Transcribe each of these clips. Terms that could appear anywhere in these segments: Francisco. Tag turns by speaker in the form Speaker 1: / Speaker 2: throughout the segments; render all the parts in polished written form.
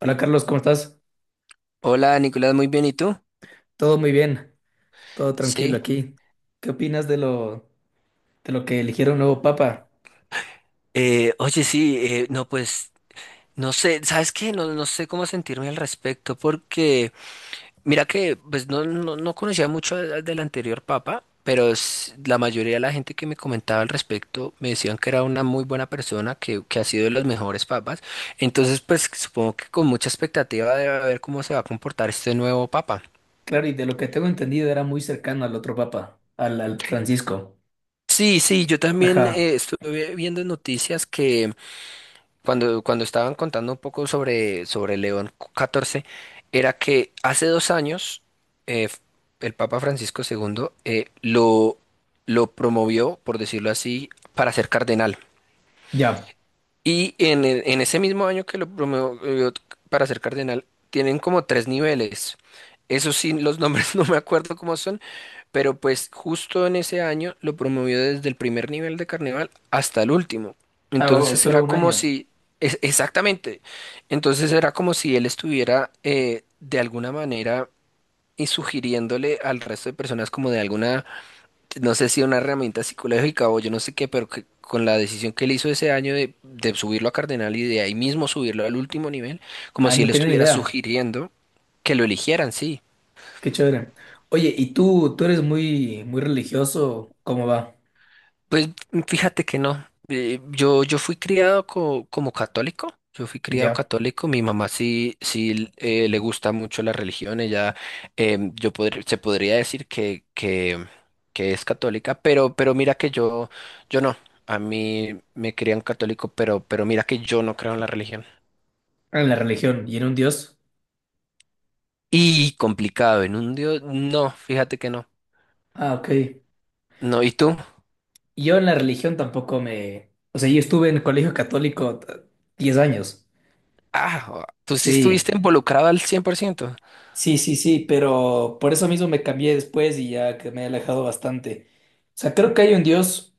Speaker 1: Hola Carlos, ¿cómo estás?
Speaker 2: Hola Nicolás, muy bien, ¿y tú?
Speaker 1: Todo muy bien, todo tranquilo
Speaker 2: Sí.
Speaker 1: aquí. ¿Qué opinas de lo que eligieron nuevo papa?
Speaker 2: Oye, sí, no, pues, no sé, ¿sabes qué? No, no sé cómo sentirme al respecto, porque mira que, pues, no conocía mucho del anterior papa, pero la mayoría de la gente que me comentaba al respecto me decían que era una muy buena persona, que ha sido de los mejores papas, entonces, pues, supongo que con mucha expectativa de a ver cómo se va a comportar este nuevo papa.
Speaker 1: Claro, y de lo que tengo entendido era muy cercano al otro papa, al Francisco.
Speaker 2: Sí, sí, yo también
Speaker 1: Ajá,
Speaker 2: estuve viendo en noticias que cuando estaban contando un poco sobre León catorce era que hace dos años eh, el Papa Francisco segundo lo promovió, por decirlo así, para ser cardenal.
Speaker 1: ya.
Speaker 2: Y en ese mismo año que lo promovió para ser cardenal, tienen como tres niveles. Eso sí, los nombres no me acuerdo cómo son, pero pues justo en ese año lo promovió desde el primer nivel de carnaval hasta el último.
Speaker 1: Ah, oh, es
Speaker 2: Entonces
Speaker 1: solo
Speaker 2: era
Speaker 1: un
Speaker 2: como
Speaker 1: año.
Speaker 2: si, es- Exactamente, entonces era como si él estuviera de alguna manera y sugiriéndole al resto de personas como de alguna, no sé si una herramienta psicológica o yo no sé qué, pero que con la decisión que él hizo ese año de subirlo a cardenal y de ahí mismo subirlo al último nivel, como
Speaker 1: Ah,
Speaker 2: si
Speaker 1: no
Speaker 2: él
Speaker 1: tenía ni
Speaker 2: estuviera
Speaker 1: idea.
Speaker 2: sugiriendo que lo eligieran, sí.
Speaker 1: Qué chévere. Oye, ¿y tú eres muy, muy religioso? ¿Cómo va?
Speaker 2: Pues fíjate que no. Yo fui criado como católico. Yo fui criado
Speaker 1: Ya.
Speaker 2: católico. Mi mamá sí, sí le gusta mucho la religión. Ella, se podría decir que es católica, pero mira que yo no. A mí me crían católico, pero mira que yo no creo en la religión.
Speaker 1: En la religión y en un Dios.
Speaker 2: Y complicado, en un Dios, no, fíjate que no.
Speaker 1: Ah, ok.
Speaker 2: No, ¿y tú?
Speaker 1: Yo en la religión tampoco me. O sea, yo estuve en el colegio católico 10 años.
Speaker 2: Ah, tú sí
Speaker 1: Sí.
Speaker 2: estuviste involucrado al
Speaker 1: Sí, sí, sí, pero por eso mismo me cambié después y ya que me he alejado bastante. O sea, creo que hay un Dios,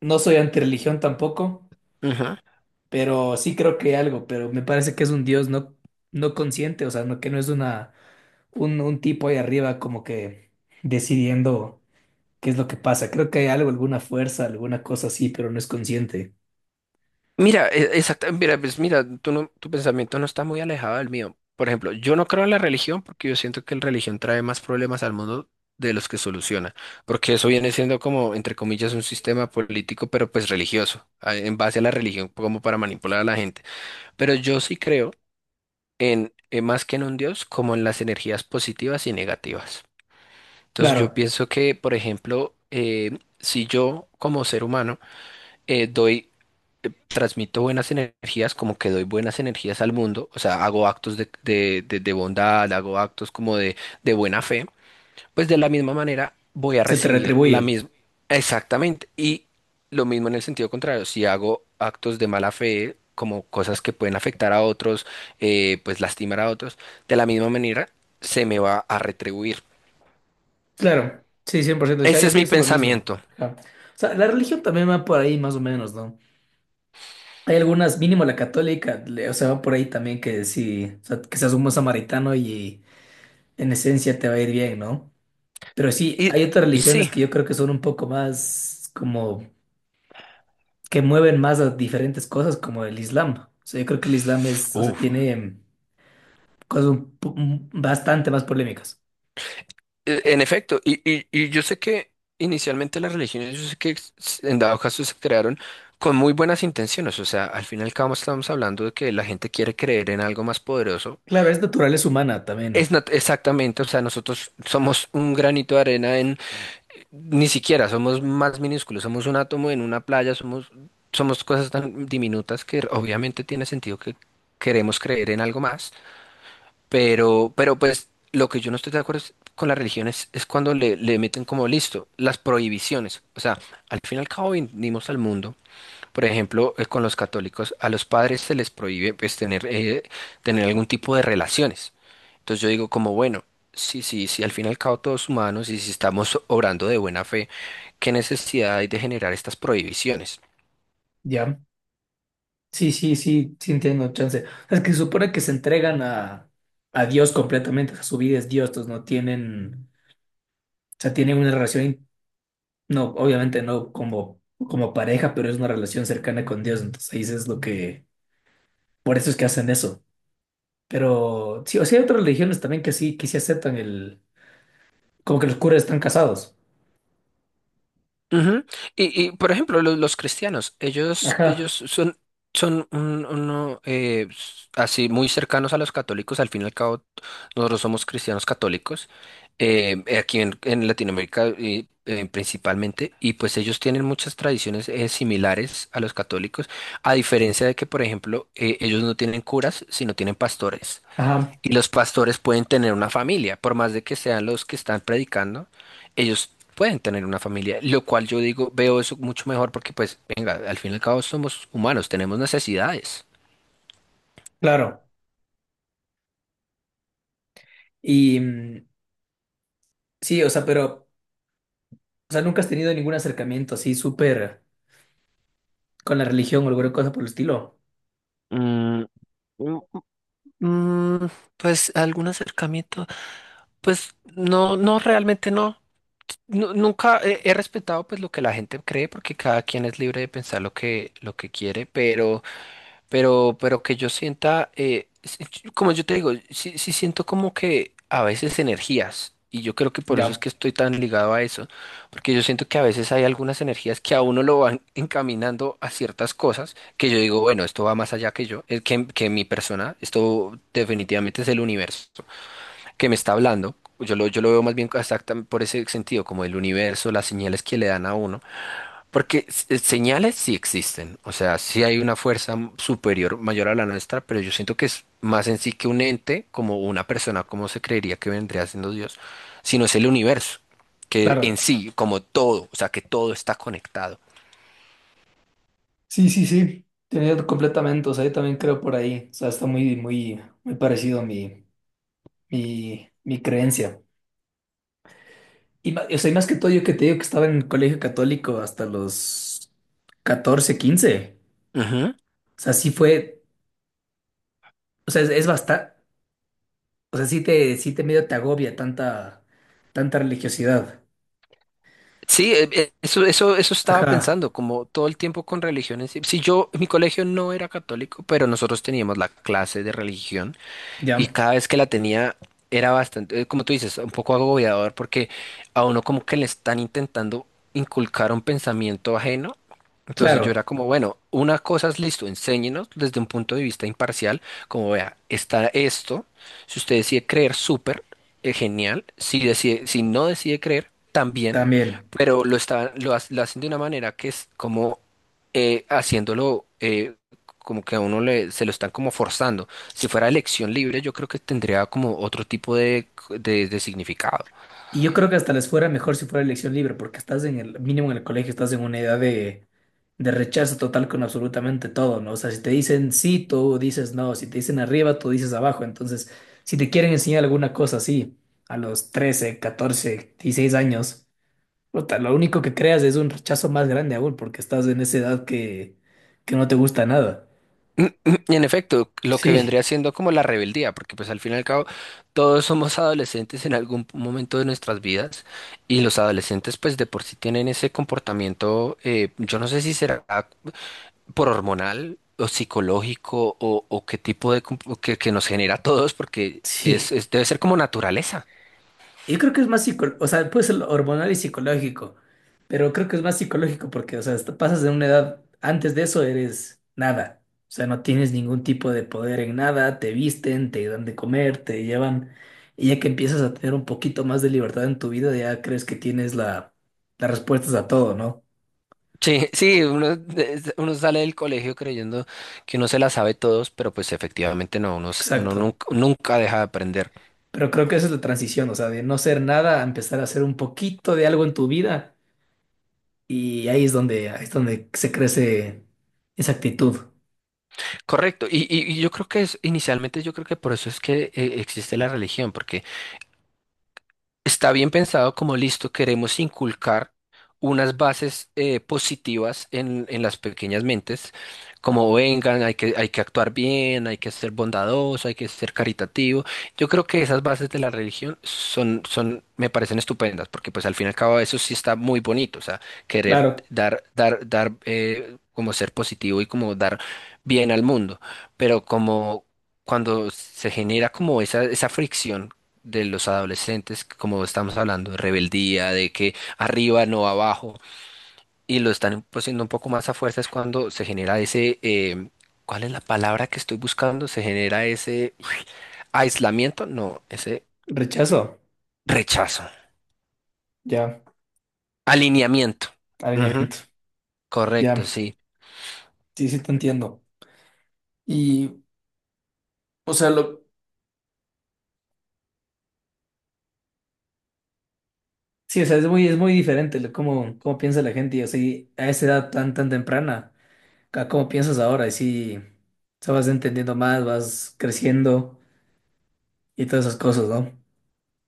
Speaker 1: no soy antirreligión tampoco,
Speaker 2: 100%.
Speaker 1: pero sí creo que hay algo, pero me parece que es un Dios no, no consciente, o sea, no, que no es un tipo ahí arriba como que decidiendo qué es lo que pasa. Creo que hay algo, alguna fuerza, alguna cosa así, pero no es consciente.
Speaker 2: Mira, mira, pues mira, tú no- tu pensamiento no está muy alejado del mío. Por ejemplo, yo no creo en la religión porque yo siento que la religión trae más problemas al mundo de los que soluciona, porque eso viene siendo como, entre comillas, un sistema político, pero pues religioso, en base a la religión como para manipular a la gente. Pero yo sí creo en, más que en un Dios, como en las energías positivas y negativas. Entonces yo
Speaker 1: Claro,
Speaker 2: pienso que, por ejemplo, si yo como ser humano doy transmito buenas energías, como que doy buenas energías al mundo, o sea, hago actos de bondad, hago actos como de buena fe, pues de la misma manera voy a
Speaker 1: se te
Speaker 2: recibir la
Speaker 1: retribuye.
Speaker 2: misma, exactamente, y lo mismo en el sentido contrario, si hago actos de mala fe, como cosas que pueden afectar a otros, pues lastimar a otros, de la misma manera se me va a retribuir.
Speaker 1: Claro, sí, 100%. O sea,
Speaker 2: Ese
Speaker 1: yo
Speaker 2: es mi
Speaker 1: pienso lo mismo.
Speaker 2: pensamiento.
Speaker 1: Ajá. O sea, la religión también va por ahí más o menos, ¿no? Hay algunas, mínimo la católica, o sea, va por ahí también que sí, o sea, que seas un buen samaritano y en esencia te va a ir bien, ¿no? Pero sí,
Speaker 2: Y,
Speaker 1: hay otras
Speaker 2: y
Speaker 1: religiones
Speaker 2: sí,
Speaker 1: que yo creo que son un poco más como que mueven más a diferentes cosas, como el Islam. O sea, yo creo que el Islam es, o sea,
Speaker 2: uf.
Speaker 1: tiene cosas bastante más polémicas.
Speaker 2: En efecto, y yo sé que inicialmente las religiones, yo sé que en dado caso se crearon con muy buenas intenciones, o sea, al fin y al cabo estamos hablando de que la gente quiere creer en algo más poderoso.
Speaker 1: Claro, es naturaleza humana también,
Speaker 2: Exactamente, o sea, nosotros somos un granito de arena en, ni siquiera, somos más minúsculos, somos un átomo en una playa, somos cosas tan diminutas que obviamente tiene sentido que queremos creer en algo más. Pero pues lo que yo no estoy de acuerdo con las religiones es cuando le meten como listo las prohibiciones. O sea, al fin y al cabo vinimos al mundo, por ejemplo, con los católicos, a los padres se les prohíbe pues tener, tener algún tipo de relaciones. Entonces yo digo como, bueno, sí, al fin y al cabo todos humanos y si estamos obrando de buena fe, ¿qué necesidad hay de generar estas prohibiciones?
Speaker 1: ¿ya? Sí, sí, sí, sí entiendo, chance. O sea, es que se supone que se entregan a Dios completamente, o sea, su vida es Dios, entonces no tienen. Sea, tienen una relación, no, obviamente no como pareja, pero es una relación cercana con Dios. Entonces ahí es lo que, por eso es que hacen eso. Pero sí, o sea, hay otras religiones también que sí aceptan el, como que los curas están casados.
Speaker 2: Ujú. Y, por ejemplo, cristianos, ellos
Speaker 1: Ajá,
Speaker 2: son, uno, así muy cercanos a los católicos, al fin y al cabo nosotros somos cristianos católicos, aquí en Latinoamérica y, principalmente, y pues ellos tienen muchas tradiciones similares a los católicos, a diferencia de que, por ejemplo, ellos no tienen curas, sino tienen pastores.
Speaker 1: ajá,
Speaker 2: Y los pastores pueden tener una familia, por más de que sean los que están predicando, ellos pueden tener una familia, lo cual yo digo, veo eso mucho mejor porque pues, venga, al fin y al cabo somos humanos, tenemos necesidades.
Speaker 1: claro. Y sí, o sea, pero, o sea, nunca has tenido ningún acercamiento así súper con la religión o alguna cosa por el estilo.
Speaker 2: Mm, mm, Mm, pues algún acercamiento, pues no, no, realmente no. Nunca he, he respetado pues lo que la gente cree porque cada quien es libre de pensar lo que quiere, pero... pero que yo sienta, como yo te digo, sí, sí siento como que a veces energías, y yo creo que por eso es
Speaker 1: Ya,
Speaker 2: que estoy tan ligado a eso, porque yo siento que a veces hay algunas energías que a uno lo van encaminando a ciertas cosas, que yo digo, bueno, esto va más allá que yo, que mi persona, esto definitivamente es el universo que me está hablando, yo lo veo más bien exactamente por ese sentido, como el universo, las señales que le dan a uno. Porque señales sí existen, o sea, sí hay una fuerza superior mayor a la nuestra, pero yo siento que es más en sí que un ente, como una persona, como se creería que vendría siendo Dios, sino es el universo, que en
Speaker 1: claro.
Speaker 2: sí, como todo, o sea, que todo está conectado.
Speaker 1: Sí, sí, sí. Tenía completamente, o sea, yo también creo por ahí. O sea, está muy, muy, muy parecido a mi creencia. Y, o sea, y más que todo, yo que te digo que estaba en el colegio católico hasta los 14 15.
Speaker 2: Ujú.
Speaker 1: O sea, sí fue, o sea, es bastante, o sea, sí te medio te agobia tanta, tanta religiosidad.
Speaker 2: Sí, eso estaba
Speaker 1: Ajá,
Speaker 2: pensando, como todo el tiempo con religiones. Si yo, mi colegio no era católico, pero nosotros teníamos la clase de religión. Y
Speaker 1: ya,
Speaker 2: cada vez que la tenía era bastante, como tú dices, un poco agobiador porque a uno como que le están intentando inculcar un pensamiento ajeno. Entonces yo era
Speaker 1: claro,
Speaker 2: como, bueno, una cosa es listo, enséñenos desde un punto de vista imparcial, como vea, está esto, si usted decide creer, súper, genial, si decide, si no decide creer, también,
Speaker 1: también.
Speaker 2: pero lo estaban, lo hacen de una manera que es como haciéndolo como que a uno le, se lo están como forzando. Si fuera elección libre, yo creo que tendría como otro tipo de significado.
Speaker 1: Y yo creo que hasta les fuera mejor si fuera elección libre, porque estás en el mínimo en el colegio, estás en una edad de rechazo total con absolutamente todo, ¿no? O sea, si te dicen sí, tú dices no, si te dicen arriba, tú dices abajo. Entonces, si te quieren enseñar alguna cosa así a los 13 14 16 años, puta, lo único que creas es un rechazo más grande aún, porque estás en esa edad que no te gusta nada.
Speaker 2: Y en efecto, lo que
Speaker 1: Sí,
Speaker 2: vendría siendo como la rebeldía, porque pues al fin y al cabo todos somos adolescentes en algún momento de nuestras vidas y los adolescentes pues de por sí tienen ese comportamiento, yo no sé si será por hormonal o psicológico o qué tipo de que nos genera a todos porque
Speaker 1: sí.
Speaker 2: debe ser como naturaleza.
Speaker 1: Yo creo que es más psicológico, o sea, puede ser hormonal y psicológico, pero creo que es más psicológico porque, o sea, hasta pasas de una edad, antes de eso eres nada, o sea, no tienes ningún tipo de poder en nada, te visten, te dan de comer, te llevan, y ya que empiezas a tener un poquito más de libertad en tu vida, ya crees que tienes las respuestas a todo, ¿no?
Speaker 2: Sí, sí, uno sale del colegio creyendo que uno se la sabe todos, pero pues efectivamente no, uno
Speaker 1: Exacto.
Speaker 2: nunca, nunca deja de aprender.
Speaker 1: Pero creo que esa es la transición, o sea, de no ser nada a empezar a hacer un poquito de algo en tu vida, y ahí es donde se crece esa actitud.
Speaker 2: Correcto, y yo creo que es, inicialmente yo creo que por eso es que existe la religión, porque está bien pensado como listo, queremos inculcar unas bases positivas en las pequeñas mentes, como vengan, hay que actuar bien, hay que ser bondadoso, hay que ser caritativo. Yo creo que esas bases de la religión son, me parecen estupendas, porque pues al fin y al cabo eso sí está muy bonito, o sea, querer
Speaker 1: Claro.
Speaker 2: dar, como ser positivo y como dar bien al mundo, pero como cuando se genera como esa fricción de los adolescentes, como estamos hablando, de rebeldía, de que arriba no abajo, y lo están imponiendo un poco más a fuerza, es cuando se genera ¿cuál es la palabra que estoy buscando? Se genera ese aislamiento, no, ese
Speaker 1: Rechazo,
Speaker 2: rechazo,
Speaker 1: ya,
Speaker 2: alineamiento. Ujú,
Speaker 1: alineamiento,
Speaker 2: correcto,
Speaker 1: ya,
Speaker 2: sí.
Speaker 1: sí, sí te entiendo. Y, o sea, sí, o sea, es muy diferente cómo piensa la gente, y así, a esa edad tan, tan temprana, a cómo piensas ahora, y sí, o sea, vas entendiendo más, vas creciendo y todas esas cosas, ¿no?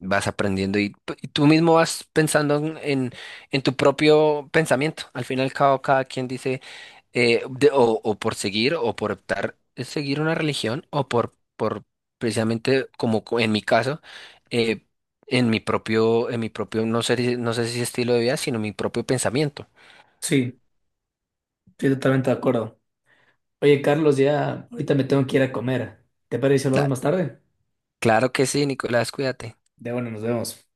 Speaker 2: Vas aprendiendo y tú mismo vas pensando en, en tu propio pensamiento. Al fin y al cabo, cada quien dice... o por seguir o por optar seguir una religión por precisamente en mi caso eh, en mi propio, en mi propio no sé, no sé si estilo de vida sino mi propio pensamiento.
Speaker 1: Sí, estoy totalmente de acuerdo. Oye, Carlos, ya, ahorita me tengo que ir a comer. ¿Te parece si hablamos
Speaker 2: Da-
Speaker 1: más tarde?
Speaker 2: Claro que sí, Nicolás, cuídate.
Speaker 1: De bueno, nos vemos.